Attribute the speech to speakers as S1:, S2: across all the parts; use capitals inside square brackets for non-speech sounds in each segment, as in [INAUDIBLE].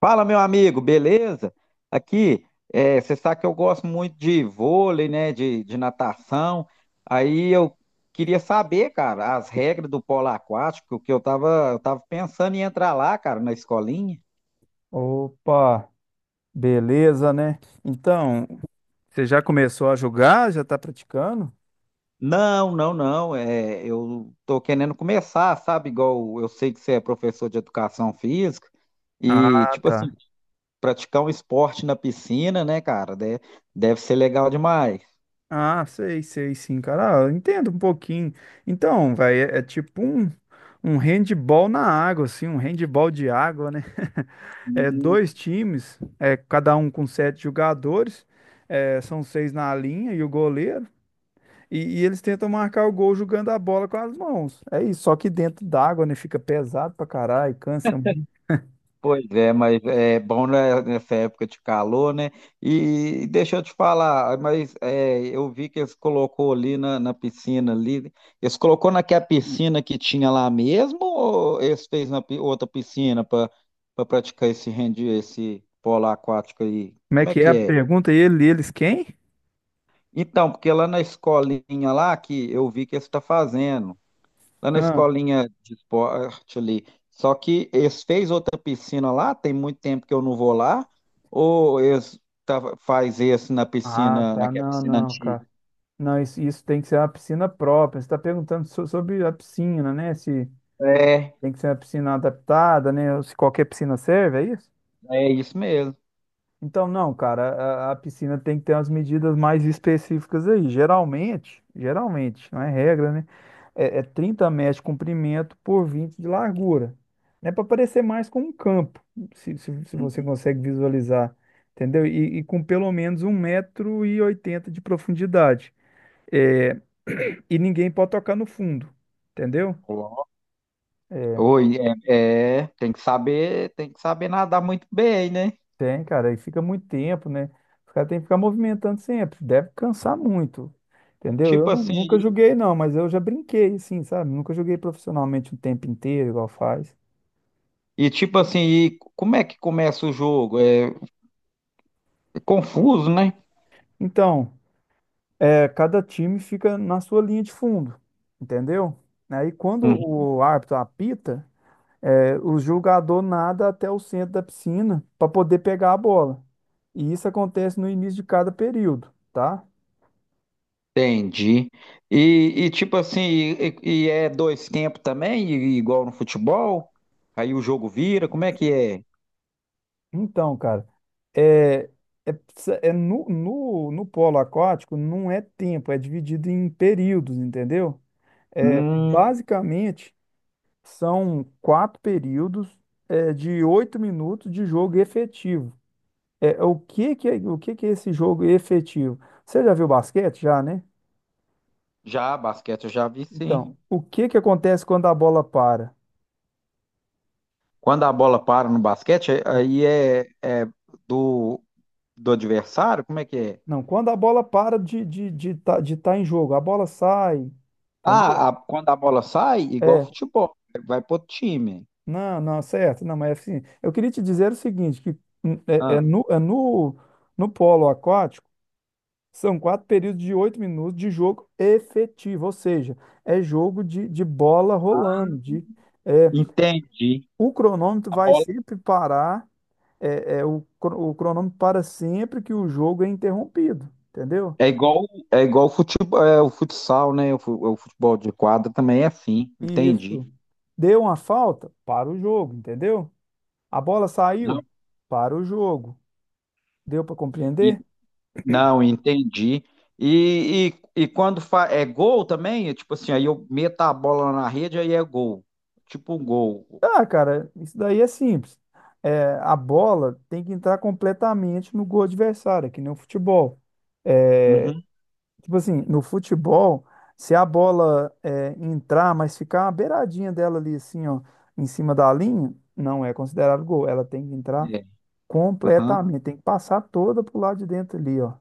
S1: Fala, meu amigo, beleza? Aqui, você sabe que eu gosto muito de vôlei, né? De natação. Aí eu queria saber, cara, as regras do polo aquático, que eu tava pensando em entrar lá, cara, na escolinha.
S2: Opa, beleza, né? Então, você já começou a jogar? Já tá praticando?
S1: Não, não, não. Eu tô querendo começar, sabe? Igual eu sei que você é professor de educação física e,
S2: Ah,
S1: tipo
S2: tá.
S1: assim, praticar um esporte na piscina, né, cara? Deve ser legal demais.
S2: Ah, sei, sei, sim, cara. Ah, eu entendo um pouquinho. Então, vai, é tipo um handball na água, assim, um handball de água, né? [LAUGHS] É dois times, cada um com sete jogadores, são seis na linha e o goleiro. E eles tentam marcar o gol jogando a bola com as mãos. É isso, só que dentro d'água, né? Fica pesado pra caralho, cansa.
S1: Pois é, mas é bom né, nessa época de calor, né? E deixa eu te falar, eu vi que eles colocou ali na piscina ali, eles colocou naquela piscina que tinha lá mesmo ou eles fez na pi- outra piscina para praticar esse rendi, esse polo aquático aí?
S2: Como é
S1: Como é
S2: que é
S1: que
S2: a
S1: é?
S2: pergunta? Eles quem?
S1: Então, porque lá na escolinha lá que eu vi que eles está fazendo lá na
S2: Ah,
S1: escolinha de esporte ali. Só que eles fez outra piscina lá, tem muito tempo que eu não vou lá, ou eles tava, faz esse na
S2: ah,
S1: piscina,
S2: tá,
S1: naquela
S2: não,
S1: piscina
S2: não,
S1: antiga?
S2: cara. Não, isso tem que ser uma piscina própria. Você está perguntando sobre a piscina, né? Se
S1: É,
S2: tem que ser uma piscina adaptada, né? Ou se qualquer piscina serve, é isso?
S1: é isso mesmo.
S2: Então, não, cara, a piscina tem que ter umas medidas mais específicas aí. Geralmente, geralmente, não é regra, né? É 30 metros de comprimento por 20 de largura. É para parecer mais com um campo, se você
S1: Uhum.
S2: consegue visualizar, entendeu? E com pelo menos 1,80 m de profundidade. É, [CLEARS THROAT] e ninguém pode tocar no fundo, entendeu?
S1: Ó.
S2: É,
S1: Oi, é, tem que saber nadar muito bem, né?
S2: tem, cara, e fica muito tempo, né? Os caras têm que ficar movimentando sempre, deve cansar muito,
S1: E
S2: entendeu? Eu
S1: tipo
S2: nunca
S1: assim,
S2: joguei, não, mas eu já brinquei, assim, sabe? Nunca joguei profissionalmente o tempo inteiro, igual faz.
S1: e tipo assim, e como é que começa o jogo? É confuso, né?
S2: Então, cada time fica na sua linha de fundo, entendeu? Aí, quando o árbitro apita, o jogador nada até o centro da piscina para poder pegar a bola. E isso acontece no início de cada período, tá?
S1: Entendi. Tipo assim, e é dois tempos também, i- igual no futebol? Aí o jogo vira, como é que é?
S2: Então, cara, é, no polo aquático não é tempo, é dividido em períodos, entendeu? É,
S1: Hum,
S2: basicamente, são quatro períodos, de 8 minutos de jogo efetivo. É, o que que é esse jogo efetivo? Você já viu basquete? Já, né?
S1: já, basquete eu já vi sim.
S2: Então, o que que acontece quando a bola para?
S1: Quando a bola para no basquete, é do, do adversário, como é que é?
S2: Não, quando a bola para de estar de tá em jogo, a bola sai, entendeu?
S1: Ah, a- quando a bola sai, igual
S2: É,
S1: futebol, vai pro outro time.
S2: não, não, certo. Não, mas assim, eu queria te dizer o seguinte, que hum, é, é
S1: Ah,
S2: no, é no, no polo aquático, são quatro períodos de 8 minutos de jogo efetivo, ou seja, é jogo de bola rolando, é,
S1: entendi.
S2: o cronômetro
S1: A
S2: vai
S1: bola
S2: sempre parar, o cronômetro para sempre que o jogo é interrompido, entendeu?
S1: é igual, é igual futebol, é, o futsal, né? O, fu- o futebol de quadra também é assim,
S2: E
S1: entendi.
S2: isso. Deu uma falta? Para o jogo, entendeu? A bola
S1: Não,
S2: saiu? Para o jogo. Deu para compreender?
S1: Não, entendi. E quando fa é gol também, é tipo assim, aí eu meto a bola na rede, aí é gol. Tipo um gol.
S2: Ah, cara, isso daí é simples. É, a bola tem que entrar completamente no gol adversário, é que nem o futebol.
S1: Uhum.
S2: Tipo assim, no futebol, se a bola entrar, mas ficar uma beiradinha dela ali, assim, ó, em cima da linha, não é considerado gol. Ela tem que entrar
S1: É, aham,
S2: completamente, tem que passar toda pro lado de dentro ali, ó.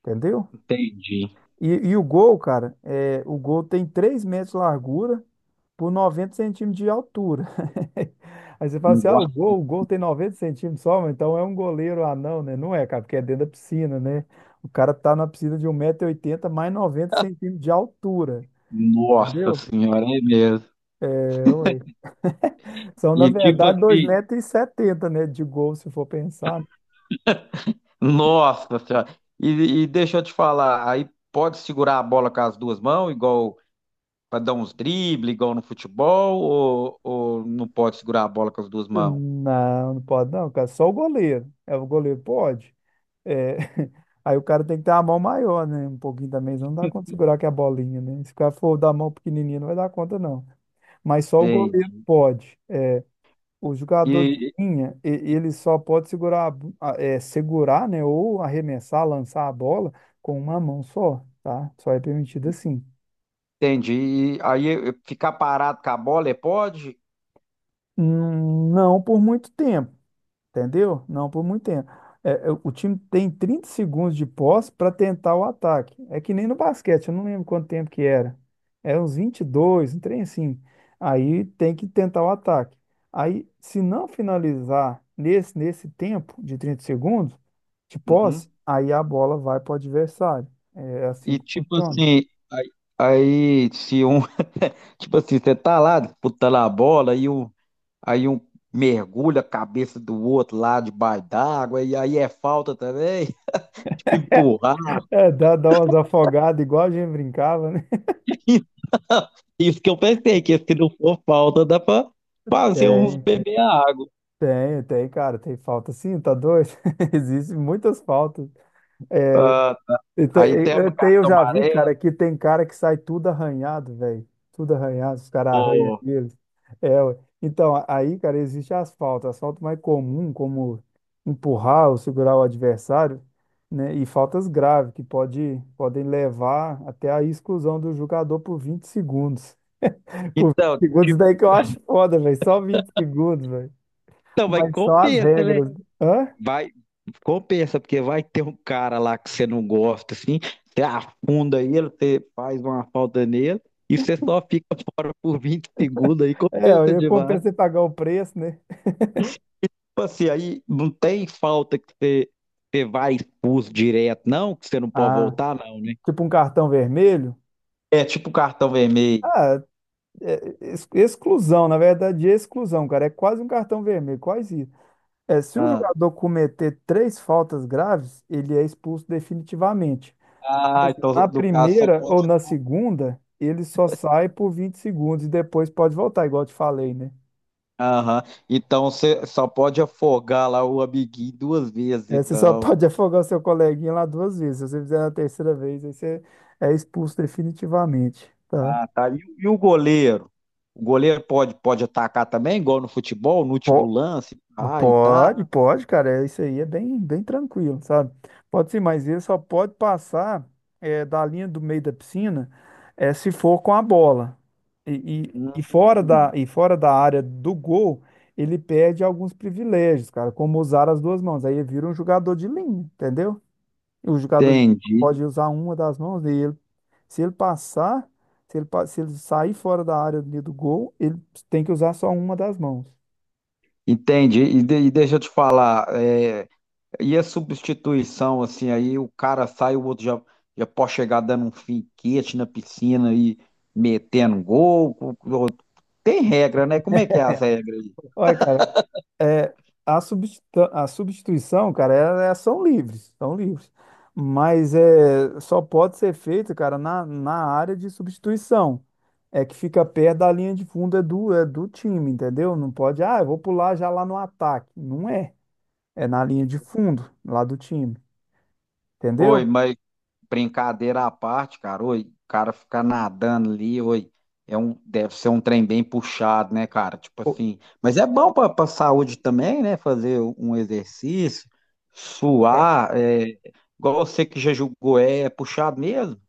S2: Entendeu?
S1: entendi.
S2: E o gol, cara, o gol tem 3 metros de largura por 90 centímetros de altura. [LAUGHS] Aí você fala assim, ah, o
S1: Nossa,
S2: gol, o gol tem 90 centímetros só, mas então é um goleiro anão, né? Não é, cara, porque é dentro da piscina, né? O cara tá na piscina de 1,80 m mais 90 centímetros de altura,
S1: nossa
S2: entendeu?
S1: senhora, é mesmo.
S2: É, ué. São, na
S1: E tipo
S2: verdade, dois
S1: assim,
S2: metros e setenta, né, de gol, se for pensar.
S1: nossa senhora. E deixa eu te falar, aí pode segurar a bola com as duas mãos, igual para dar uns dribles, igual no futebol, ou não pode segurar a bola com as duas mãos?
S2: Não, não pode não, cara. Só o goleiro. É, o goleiro pode. É, [LAUGHS] Aí o cara tem que ter a mão maior, né? Um pouquinho também. Não dá conta de segurar que a bolinha, né? Se o cara for da mão pequenininha, não vai dar conta, não. Mas só o goleiro
S1: Entendi.
S2: pode. O jogador de linha, ele só pode segurar, a bo- a- é, segurar, né? Ou arremessar, lançar a bola com uma mão só, tá? Só é permitido assim.
S1: Entendi. E aí eu ficar parado com a bola, é pode?
S2: Não por muito tempo. Entendeu? Não por muito tempo. É, o time tem 30 segundos de posse para tentar o ataque. É que nem no basquete, eu não lembro quanto tempo que era. Era uns 22, um trem assim. Aí tem que tentar o ataque. Aí, se não finalizar nesse tempo de 30 segundos de posse,
S1: Uhum.
S2: aí a bola vai para o adversário. É assim
S1: E
S2: que
S1: tipo
S2: funciona.
S1: assim, aí, aí se um, [LAUGHS] tipo assim, você tá lá disputando a bola e um, aí um mergulha a cabeça do outro lá debaixo d'água e aí é falta também? [LAUGHS] Tipo, empurrar.
S2: É, dá umas afogadas, igual a gente brincava, né?
S1: [LAUGHS] Então, isso que eu pensei, que se não for falta, dá pra fazer uns
S2: Tem,
S1: beber água.
S2: Tem, cara, tem falta sim, tá doido? [LAUGHS] Existem muitas faltas.
S1: Ah,
S2: E te-
S1: aí tem uma
S2: Até eu
S1: carta
S2: já vi,
S1: amarela.
S2: cara, que tem cara que sai tudo arranhado, velho. Tudo arranhado, os caras arranham
S1: Pô.
S2: eles. É, ué. Então, aí, cara, existe asfalto. Asfalto mais comum, como empurrar ou segurar o adversário, né? E faltas graves, que podem levar até a exclusão do jogador por 20 segundos. [LAUGHS] Por 20
S1: Então,
S2: segundos, daí que eu acho foda, velho. Só 20 segundos, velho.
S1: então, mas
S2: Mas só as
S1: compensa, né?
S2: regras. Hã?
S1: Vai, compensa, porque vai ter um cara lá que você não gosta, assim, você afunda ele, você faz uma falta nele, e você só fica fora por 20 segundos aí,
S2: É,
S1: compensa
S2: eu
S1: demais.
S2: compensa você pagar o preço, né?
S1: Tipo assim, aí não tem falta que você, você vai expulso direto, não, que você não pode
S2: Ah,
S1: voltar, não, né?
S2: tipo um cartão vermelho?
S1: É tipo cartão vermelho.
S2: Ah, exclusão, na verdade, é exclusão, cara. É quase um cartão vermelho, quase isso. É, se o
S1: Ah,
S2: jogador cometer três faltas graves, ele é expulso definitivamente.
S1: Ah,
S2: Mas
S1: então
S2: na
S1: no caso só
S2: primeira ou
S1: pode.
S2: na segunda, ele só sai por 20 segundos e depois pode voltar, igual eu te falei, né?
S1: Aham. Então você só pode afogar lá o amiguinho duas vezes,
S2: É, você só
S1: então.
S2: pode [LAUGHS] afogar o seu coleguinha lá duas vezes. Se você fizer na terceira vez, aí você é expulso definitivamente, tá?
S1: Ah, tá. E o goleiro? O goleiro pode, pode atacar também, igual no futebol, no último
S2: Po-
S1: lance, para e tal.
S2: Pode, pode, cara. Isso aí é bem, bem tranquilo, sabe? Pode sim, mas ele só pode passar da linha do meio da piscina, se for com a bola. E
S1: Hum,
S2: fora da área do gol, ele perde alguns privilégios, cara, como usar as duas mãos. Aí ele vira um jogador de linha, entendeu? O jogador de
S1: entendi,
S2: pode usar uma das mãos dele. Se ele passar, se ele sair fora da área do gol, ele tem que usar só uma das mãos.
S1: entendi. E, de- e deixa eu te falar, é, e a substituição, assim, aí o cara sai, já pode chegar dando um finquete na piscina e metendo gol. Co- co- Tem regra, né? Como é que é as regras aí?
S2: Olha, cara. É, a substituição, cara, são livres, são livres. Mas é, só pode ser feito, cara, na área de substituição. É que fica perto da linha de fundo é do time, entendeu? Não pode, ah, eu vou pular já lá no ataque. Não é. É na linha de fundo, lá do time, entendeu?
S1: Oi, mas brincadeira à parte, cara, oi, o cara ficar nadando ali, oi, é um, deve ser um trem bem puxado, né, cara? Tipo assim, mas é bom pra saúde também, né? Fazer um exercício, suar, é, igual você que já julgou, é, é puxado mesmo?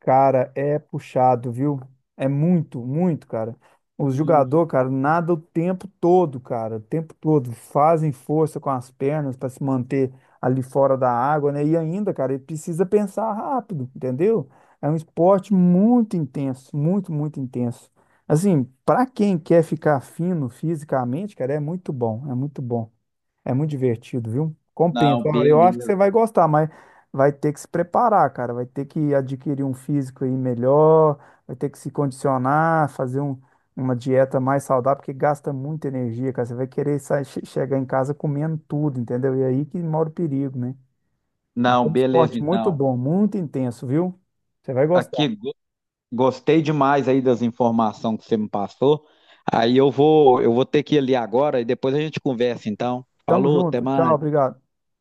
S2: Cara, é puxado, viu? É muito, muito, cara. Os
S1: Hum,
S2: jogadores, cara, nadam o tempo todo, cara, o tempo todo. Fazem força com as pernas para se manter ali fora da água, né? E ainda, cara, ele precisa pensar rápido, entendeu? É um esporte muito intenso, muito, muito intenso. Assim, para quem quer ficar fino fisicamente, cara, é muito bom, é muito bom. É muito divertido, viu?
S1: Não,
S2: Compensa. Ó, eu acho que você
S1: beleza.
S2: vai gostar, mas vai ter que se preparar, cara. Vai ter que adquirir um físico aí melhor, vai ter que se condicionar, fazer uma dieta mais saudável, porque gasta muita energia, cara. Você vai querer sair, chegar em casa comendo tudo, entendeu? E é aí que mora o perigo, né? Mas é
S1: Não,
S2: um
S1: beleza,
S2: esporte muito
S1: então.
S2: bom, muito intenso, viu? Você vai gostar.
S1: Aqui, go- gostei demais aí das informações que você me passou. Eu vou ter que ir ali agora e depois a gente conversa, então.
S2: Tamo
S1: Falou, até
S2: junto. Tchau,
S1: mais.
S2: obrigado.